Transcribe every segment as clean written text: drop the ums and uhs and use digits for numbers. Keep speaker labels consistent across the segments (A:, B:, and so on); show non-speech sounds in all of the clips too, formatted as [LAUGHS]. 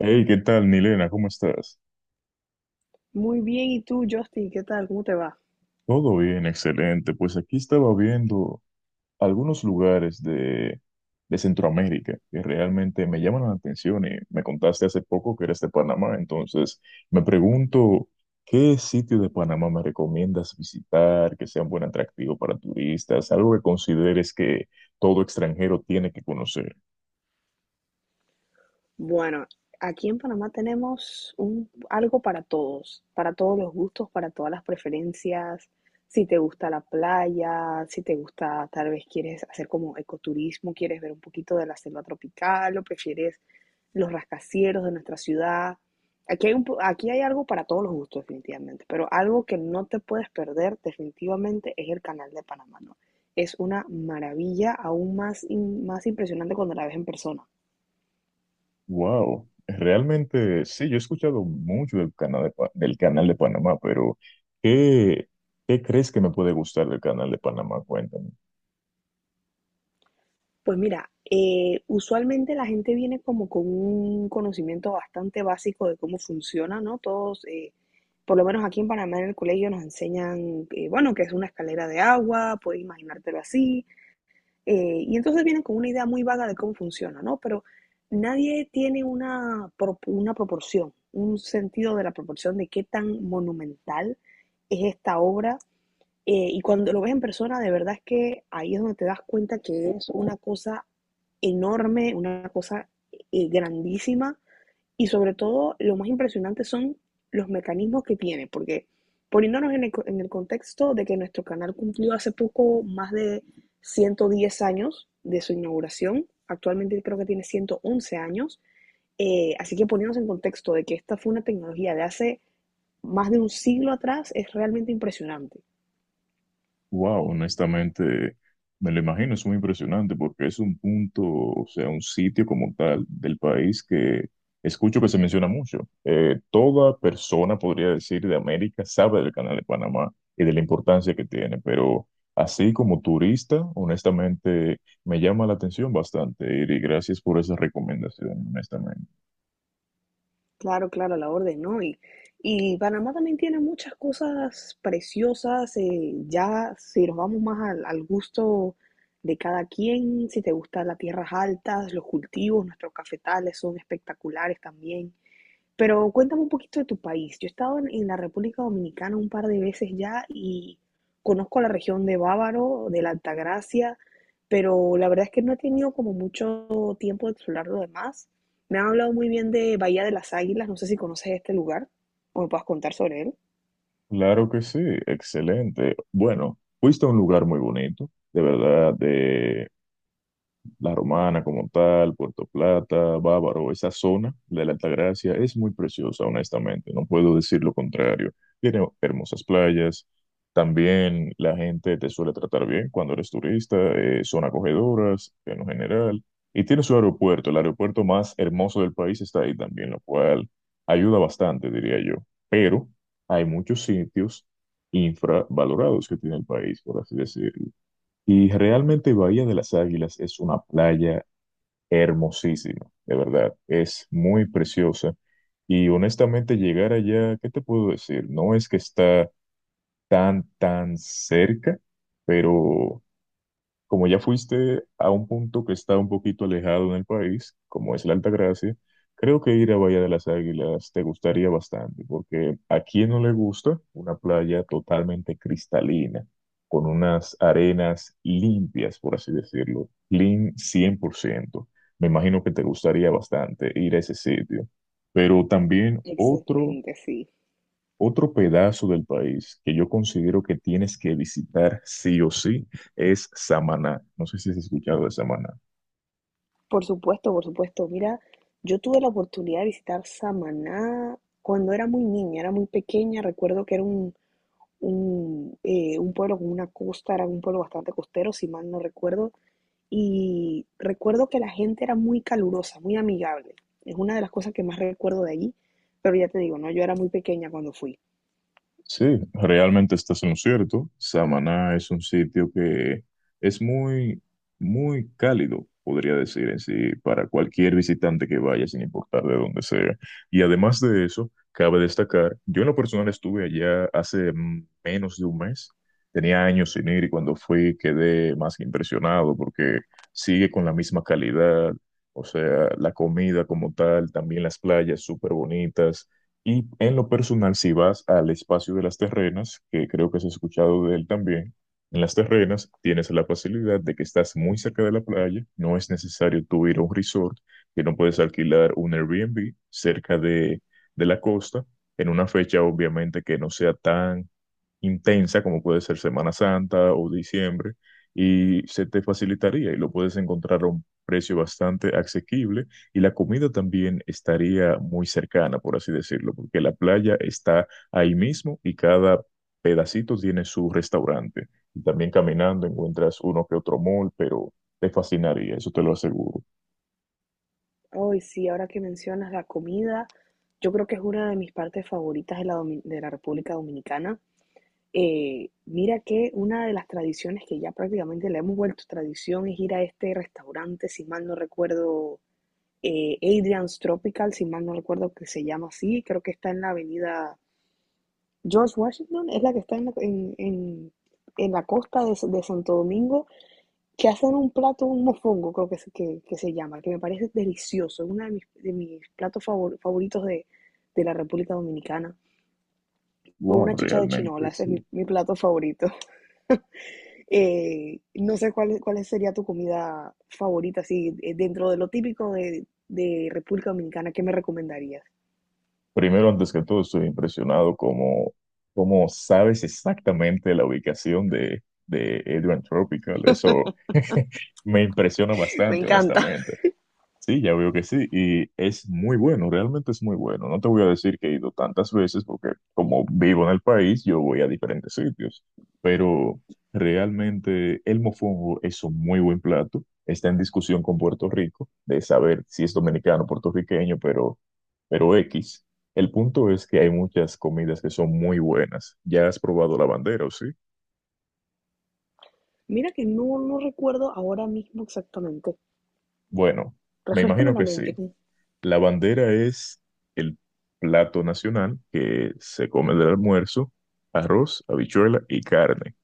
A: Hey, ¿qué tal, Milena? ¿Cómo estás?
B: Muy bien, ¿y tú, Justin? ¿Qué tal? ¿Cómo te va?
A: Todo bien, excelente. Pues aquí estaba viendo algunos lugares de Centroamérica que realmente me llaman la atención y me contaste hace poco que eres de Panamá, entonces me pregunto, ¿qué sitio de Panamá me recomiendas visitar que sea un buen atractivo para turistas? Algo que consideres que todo extranjero tiene que conocer.
B: Bueno, aquí en Panamá tenemos algo para todos los gustos, para todas las preferencias. Si te gusta la playa, si te gusta, tal vez quieres hacer como ecoturismo, quieres ver un poquito de la selva tropical o prefieres los rascacielos de nuestra ciudad. Aquí hay algo para todos los gustos, definitivamente, pero algo que no te puedes perder definitivamente es el canal de Panamá, ¿no? Es una maravilla aún más, más impresionante cuando la ves en persona.
A: Wow, realmente sí, yo he escuchado mucho del canal de, del canal de Panamá, pero ¿qué, ¿qué crees que me puede gustar del canal de Panamá? Cuéntame.
B: Pues mira, usualmente la gente viene como con un conocimiento bastante básico de cómo funciona, ¿no? Todos, por lo menos aquí en Panamá en el colegio nos enseñan, bueno, que es una escalera de agua, puedes imaginártelo así. Y entonces vienen con una idea muy vaga de cómo funciona, ¿no? Pero nadie tiene una proporción, un sentido de la proporción de qué tan monumental es esta obra. Y cuando lo ves en persona, de verdad es que ahí es donde te das cuenta que es una cosa enorme, una cosa grandísima, y sobre todo, lo más impresionante son los mecanismos que tiene, porque poniéndonos en el contexto de que nuestro canal cumplió hace poco más de 110 años de su inauguración, actualmente creo que tiene 111 años. Así que poniéndonos en contexto de que esta fue una tecnología de hace más de un siglo atrás, es realmente impresionante.
A: Wow, honestamente, me lo imagino, es muy impresionante porque es un punto, o sea, un sitio como tal del país que escucho que se menciona mucho. Toda persona, podría decir, de América sabe del Canal de Panamá y de la importancia que tiene, pero así como turista, honestamente, me llama la atención bastante, y gracias por esa recomendación, honestamente.
B: Claro, claro, a la orden, ¿no? Y Panamá también tiene muchas cosas preciosas, ya si nos vamos más al gusto de cada quien, si te gustan las tierras altas, los cultivos, nuestros cafetales son espectaculares también. Pero cuéntame un poquito de tu país. Yo he estado en la República Dominicana un par de veces ya y conozco la región de Bávaro, de la Altagracia, pero la verdad es que no he tenido como mucho tiempo de explorar lo demás. Me han hablado muy bien de Bahía de las Águilas, no sé si conoces este lugar o me puedas contar sobre él.
A: Claro que sí, excelente. Bueno, fuiste a un lugar muy bonito, de verdad, La Romana como tal, Puerto Plata, Bávaro, esa zona de la Altagracia es muy preciosa, honestamente, no puedo decir lo contrario. Tiene hermosas playas, también la gente te suele tratar bien cuando eres turista, son acogedoras en lo general, y tiene su aeropuerto, el aeropuerto más hermoso del país está ahí también, lo cual ayuda bastante, diría yo. Pero hay muchos sitios infravalorados que tiene el país, por así decirlo, y realmente Bahía de las Águilas es una playa hermosísima, de verdad, es muy preciosa. Y honestamente llegar allá, ¿qué te puedo decir? No es que está tan cerca, pero como ya fuiste a un punto que está un poquito alejado en el país, como es la Altagracia, creo que ir a Bahía de las Águilas te gustaría bastante, porque a quien no le gusta una playa totalmente cristalina, con unas arenas limpias, por así decirlo, clean 100%. Me imagino que te gustaría bastante ir a ese sitio. Pero también otro
B: Excelente, sí.
A: otro pedazo del país que yo considero que tienes que visitar sí o sí es Samaná. No sé si has escuchado de Samaná.
B: Por supuesto, por supuesto. Mira, yo tuve la oportunidad de visitar Samaná cuando era muy niña, era muy pequeña. Recuerdo que era un pueblo con una costa, era un pueblo bastante costero, si mal no recuerdo, y recuerdo que la gente era muy calurosa, muy amigable. Es una de las cosas que más recuerdo de allí, pero ya te digo, no, yo era muy pequeña cuando fui.
A: Sí, realmente estás en lo cierto. Samaná es un sitio que es muy cálido, podría decir en sí, para cualquier visitante que vaya, sin importar de dónde sea. Y además de eso, cabe destacar, yo en lo personal estuve allá hace menos de un mes. Tenía años sin ir y cuando fui quedé más que impresionado porque sigue con la misma calidad. O sea, la comida como tal, también las playas súper bonitas. Y en lo personal, si vas al espacio de las terrenas, que creo que has escuchado de él también, en las terrenas tienes la facilidad de que estás muy cerca de la playa, no es necesario tú ir a un resort, que no puedes alquilar un Airbnb cerca de la costa, en una fecha obviamente que no sea tan intensa, como puede ser Semana Santa o diciembre, y se te facilitaría y lo puedes encontrar a un precio bastante asequible y la comida también estaría muy cercana, por así decirlo, porque la playa está ahí mismo y cada pedacito tiene su restaurante. Y también caminando encuentras uno que otro mall, pero te fascinaría, eso te lo aseguro.
B: Ay sí, ahora que mencionas la comida, yo creo que es una de mis partes favoritas de de la República Dominicana. Mira que una de las tradiciones que ya prácticamente le hemos vuelto tradición es ir a este restaurante, si mal no recuerdo, Adrian's Tropical, si mal no recuerdo que se llama así, creo que está en la avenida George Washington, es la que está en la costa de Santo Domingo, que hacen un plato, un mofongo, creo que se llama, que me parece delicioso, es uno de de mis platos favoritos de la República Dominicana. Con
A: Wow,
B: una chicha de chinola,
A: realmente,
B: ese es
A: sí.
B: mi plato favorito. [LAUGHS] No sé cuál sería tu comida favorita, así, dentro de lo típico de República Dominicana, ¿qué me recomendarías?
A: Primero, antes que todo, estoy impresionado cómo sabes exactamente la ubicación de Adrian Tropical. Eso [LAUGHS] me impresiona
B: [LAUGHS] Me
A: bastante,
B: encanta.
A: honestamente. Sí, ya veo que sí. Y es muy bueno, realmente es muy bueno. No te voy a decir que he ido tantas veces porque como vivo en el país, yo voy a diferentes sitios. Pero realmente el mofongo es un muy buen plato. Está en discusión con Puerto Rico de saber si es dominicano o puertorriqueño, pero... Pero X, el punto es que hay muchas comidas que son muy buenas. ¿Ya has probado la bandera o sí?
B: Mira que no, no recuerdo ahora mismo exactamente.
A: Bueno, me
B: Refrescame
A: imagino
B: la
A: que sí.
B: mente.
A: La bandera es el plato nacional que se come del almuerzo, arroz, habichuela y carne.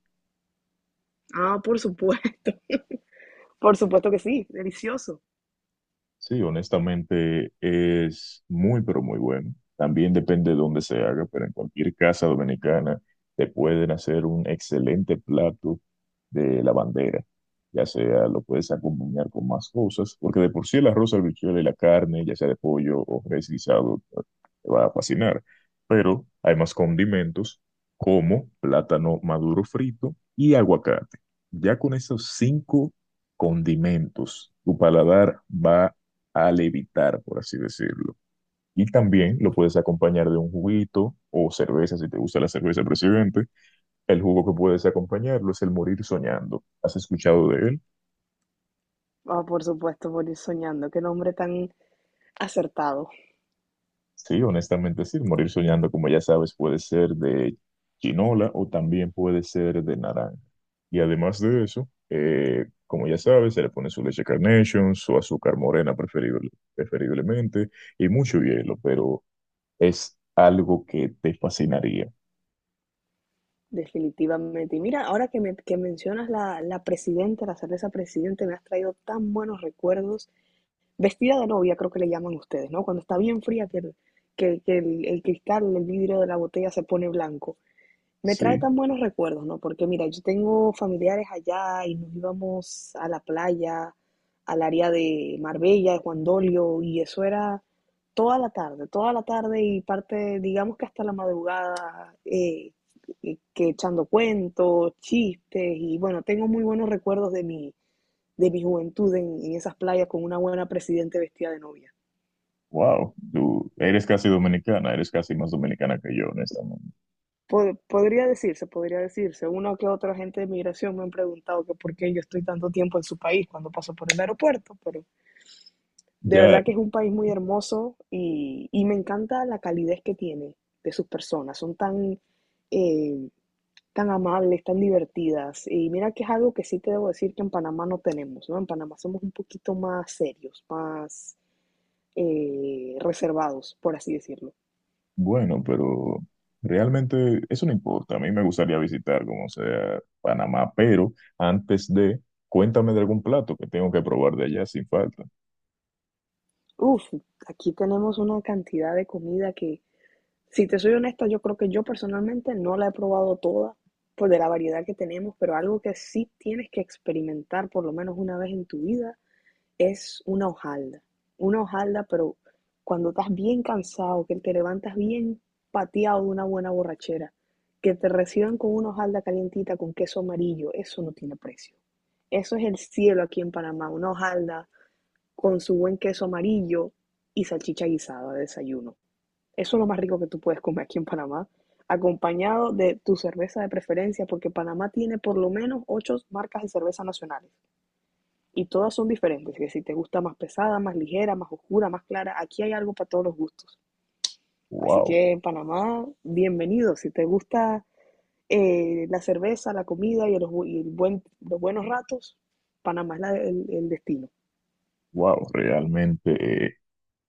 B: Ah, por supuesto. [LAUGHS] Por supuesto que sí, delicioso.
A: Sí, honestamente es muy, pero muy bueno. También depende de dónde se haga, pero en cualquier casa dominicana te pueden hacer un excelente plato de la bandera. Ya sea lo puedes acompañar con más cosas, porque de por sí el arroz, la habichuela y la carne, ya sea de pollo o res guisado, te va a fascinar. Pero hay más condimentos como plátano maduro frito y aguacate. Ya con esos cinco condimentos, tu paladar va a levitar, por así decirlo. Y también lo puedes acompañar de un juguito o cerveza, si te gusta la cerveza, presidente. El jugo que puedes acompañarlo es el morir soñando. ¿Has escuchado de él?
B: Ah, por supuesto, por ir soñando. Qué nombre tan acertado,
A: Sí, honestamente sí. Morir soñando, como ya sabes, puede ser de chinola o también puede ser de naranja. Y además de eso, como ya sabes, se le pone su leche Carnation, su azúcar morena preferiblemente y mucho hielo, pero es algo que te fascinaría.
B: definitivamente. Y mira, ahora que mencionas la presidenta, la cerveza presidente, me has traído tan buenos recuerdos. Vestida de novia, creo que le llaman ustedes, ¿no? Cuando está bien fría, que el cristal, el vidrio de la botella se pone blanco. Me trae
A: Sí.
B: tan buenos recuerdos, ¿no? Porque mira, yo tengo familiares allá y nos íbamos a la playa, al área de Marbella, de Juan Dolio, y eso era toda la tarde y parte, digamos que hasta la madrugada, que echando cuentos, chistes, y bueno, tengo muy buenos recuerdos de de mi juventud en esas playas con una buena presidente vestida de novia.
A: Wow, tú eres casi dominicana, eres casi más dominicana que yo, honestamente.
B: Podría decirse, podría decirse. Una que otra gente de migración me han preguntado que por qué yo estoy tanto tiempo en su país cuando paso por el aeropuerto, pero de
A: Ya,
B: verdad que es un país muy hermoso y me encanta la calidez que tiene de sus personas. Son tan, eh, tan amables, tan divertidas. Y mira que es algo que sí te debo decir que en Panamá no tenemos, ¿no? En Panamá somos un poquito más serios, más reservados, por así decirlo.
A: bueno, pero realmente eso no importa. A mí me gustaría visitar, como sea, Panamá, pero antes de, cuéntame de algún plato que tengo que probar de allá sin falta.
B: Uf, aquí tenemos una cantidad de comida que... Si te soy honesta, yo creo que yo personalmente no la he probado toda por de la variedad que tenemos, pero algo que sí tienes que experimentar por lo menos una vez en tu vida es una hojalda. Una hojalda, pero cuando estás bien cansado, que te levantas bien pateado de una buena borrachera, que te reciban con una hojalda calientita con queso amarillo, eso no tiene precio. Eso es el cielo aquí en Panamá, una hojalda con su buen queso amarillo y salchicha guisada de desayuno. Eso es lo más rico que tú puedes comer aquí en Panamá, acompañado de tu cerveza de preferencia, porque Panamá tiene por lo menos 8 marcas de cerveza nacionales y todas son diferentes, que si te gusta más pesada, más ligera, más oscura, más clara, aquí hay algo para todos los gustos. Así
A: Wow,
B: que en Panamá, bienvenido. Si te gusta la cerveza, la comida y los buenos ratos, Panamá es el destino.
A: wow, realmente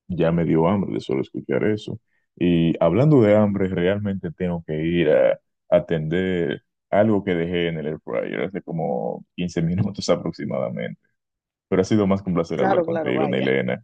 A: ya me dio hambre de solo escuchar eso. Y hablando de hambre, realmente tengo que ir a atender algo que dejé en el air fryer hace como 15 [LAUGHS] minutos aproximadamente. Pero ha sido más que un placer hablar
B: Claro, claro,
A: contigo,
B: vaya.
A: Nilena.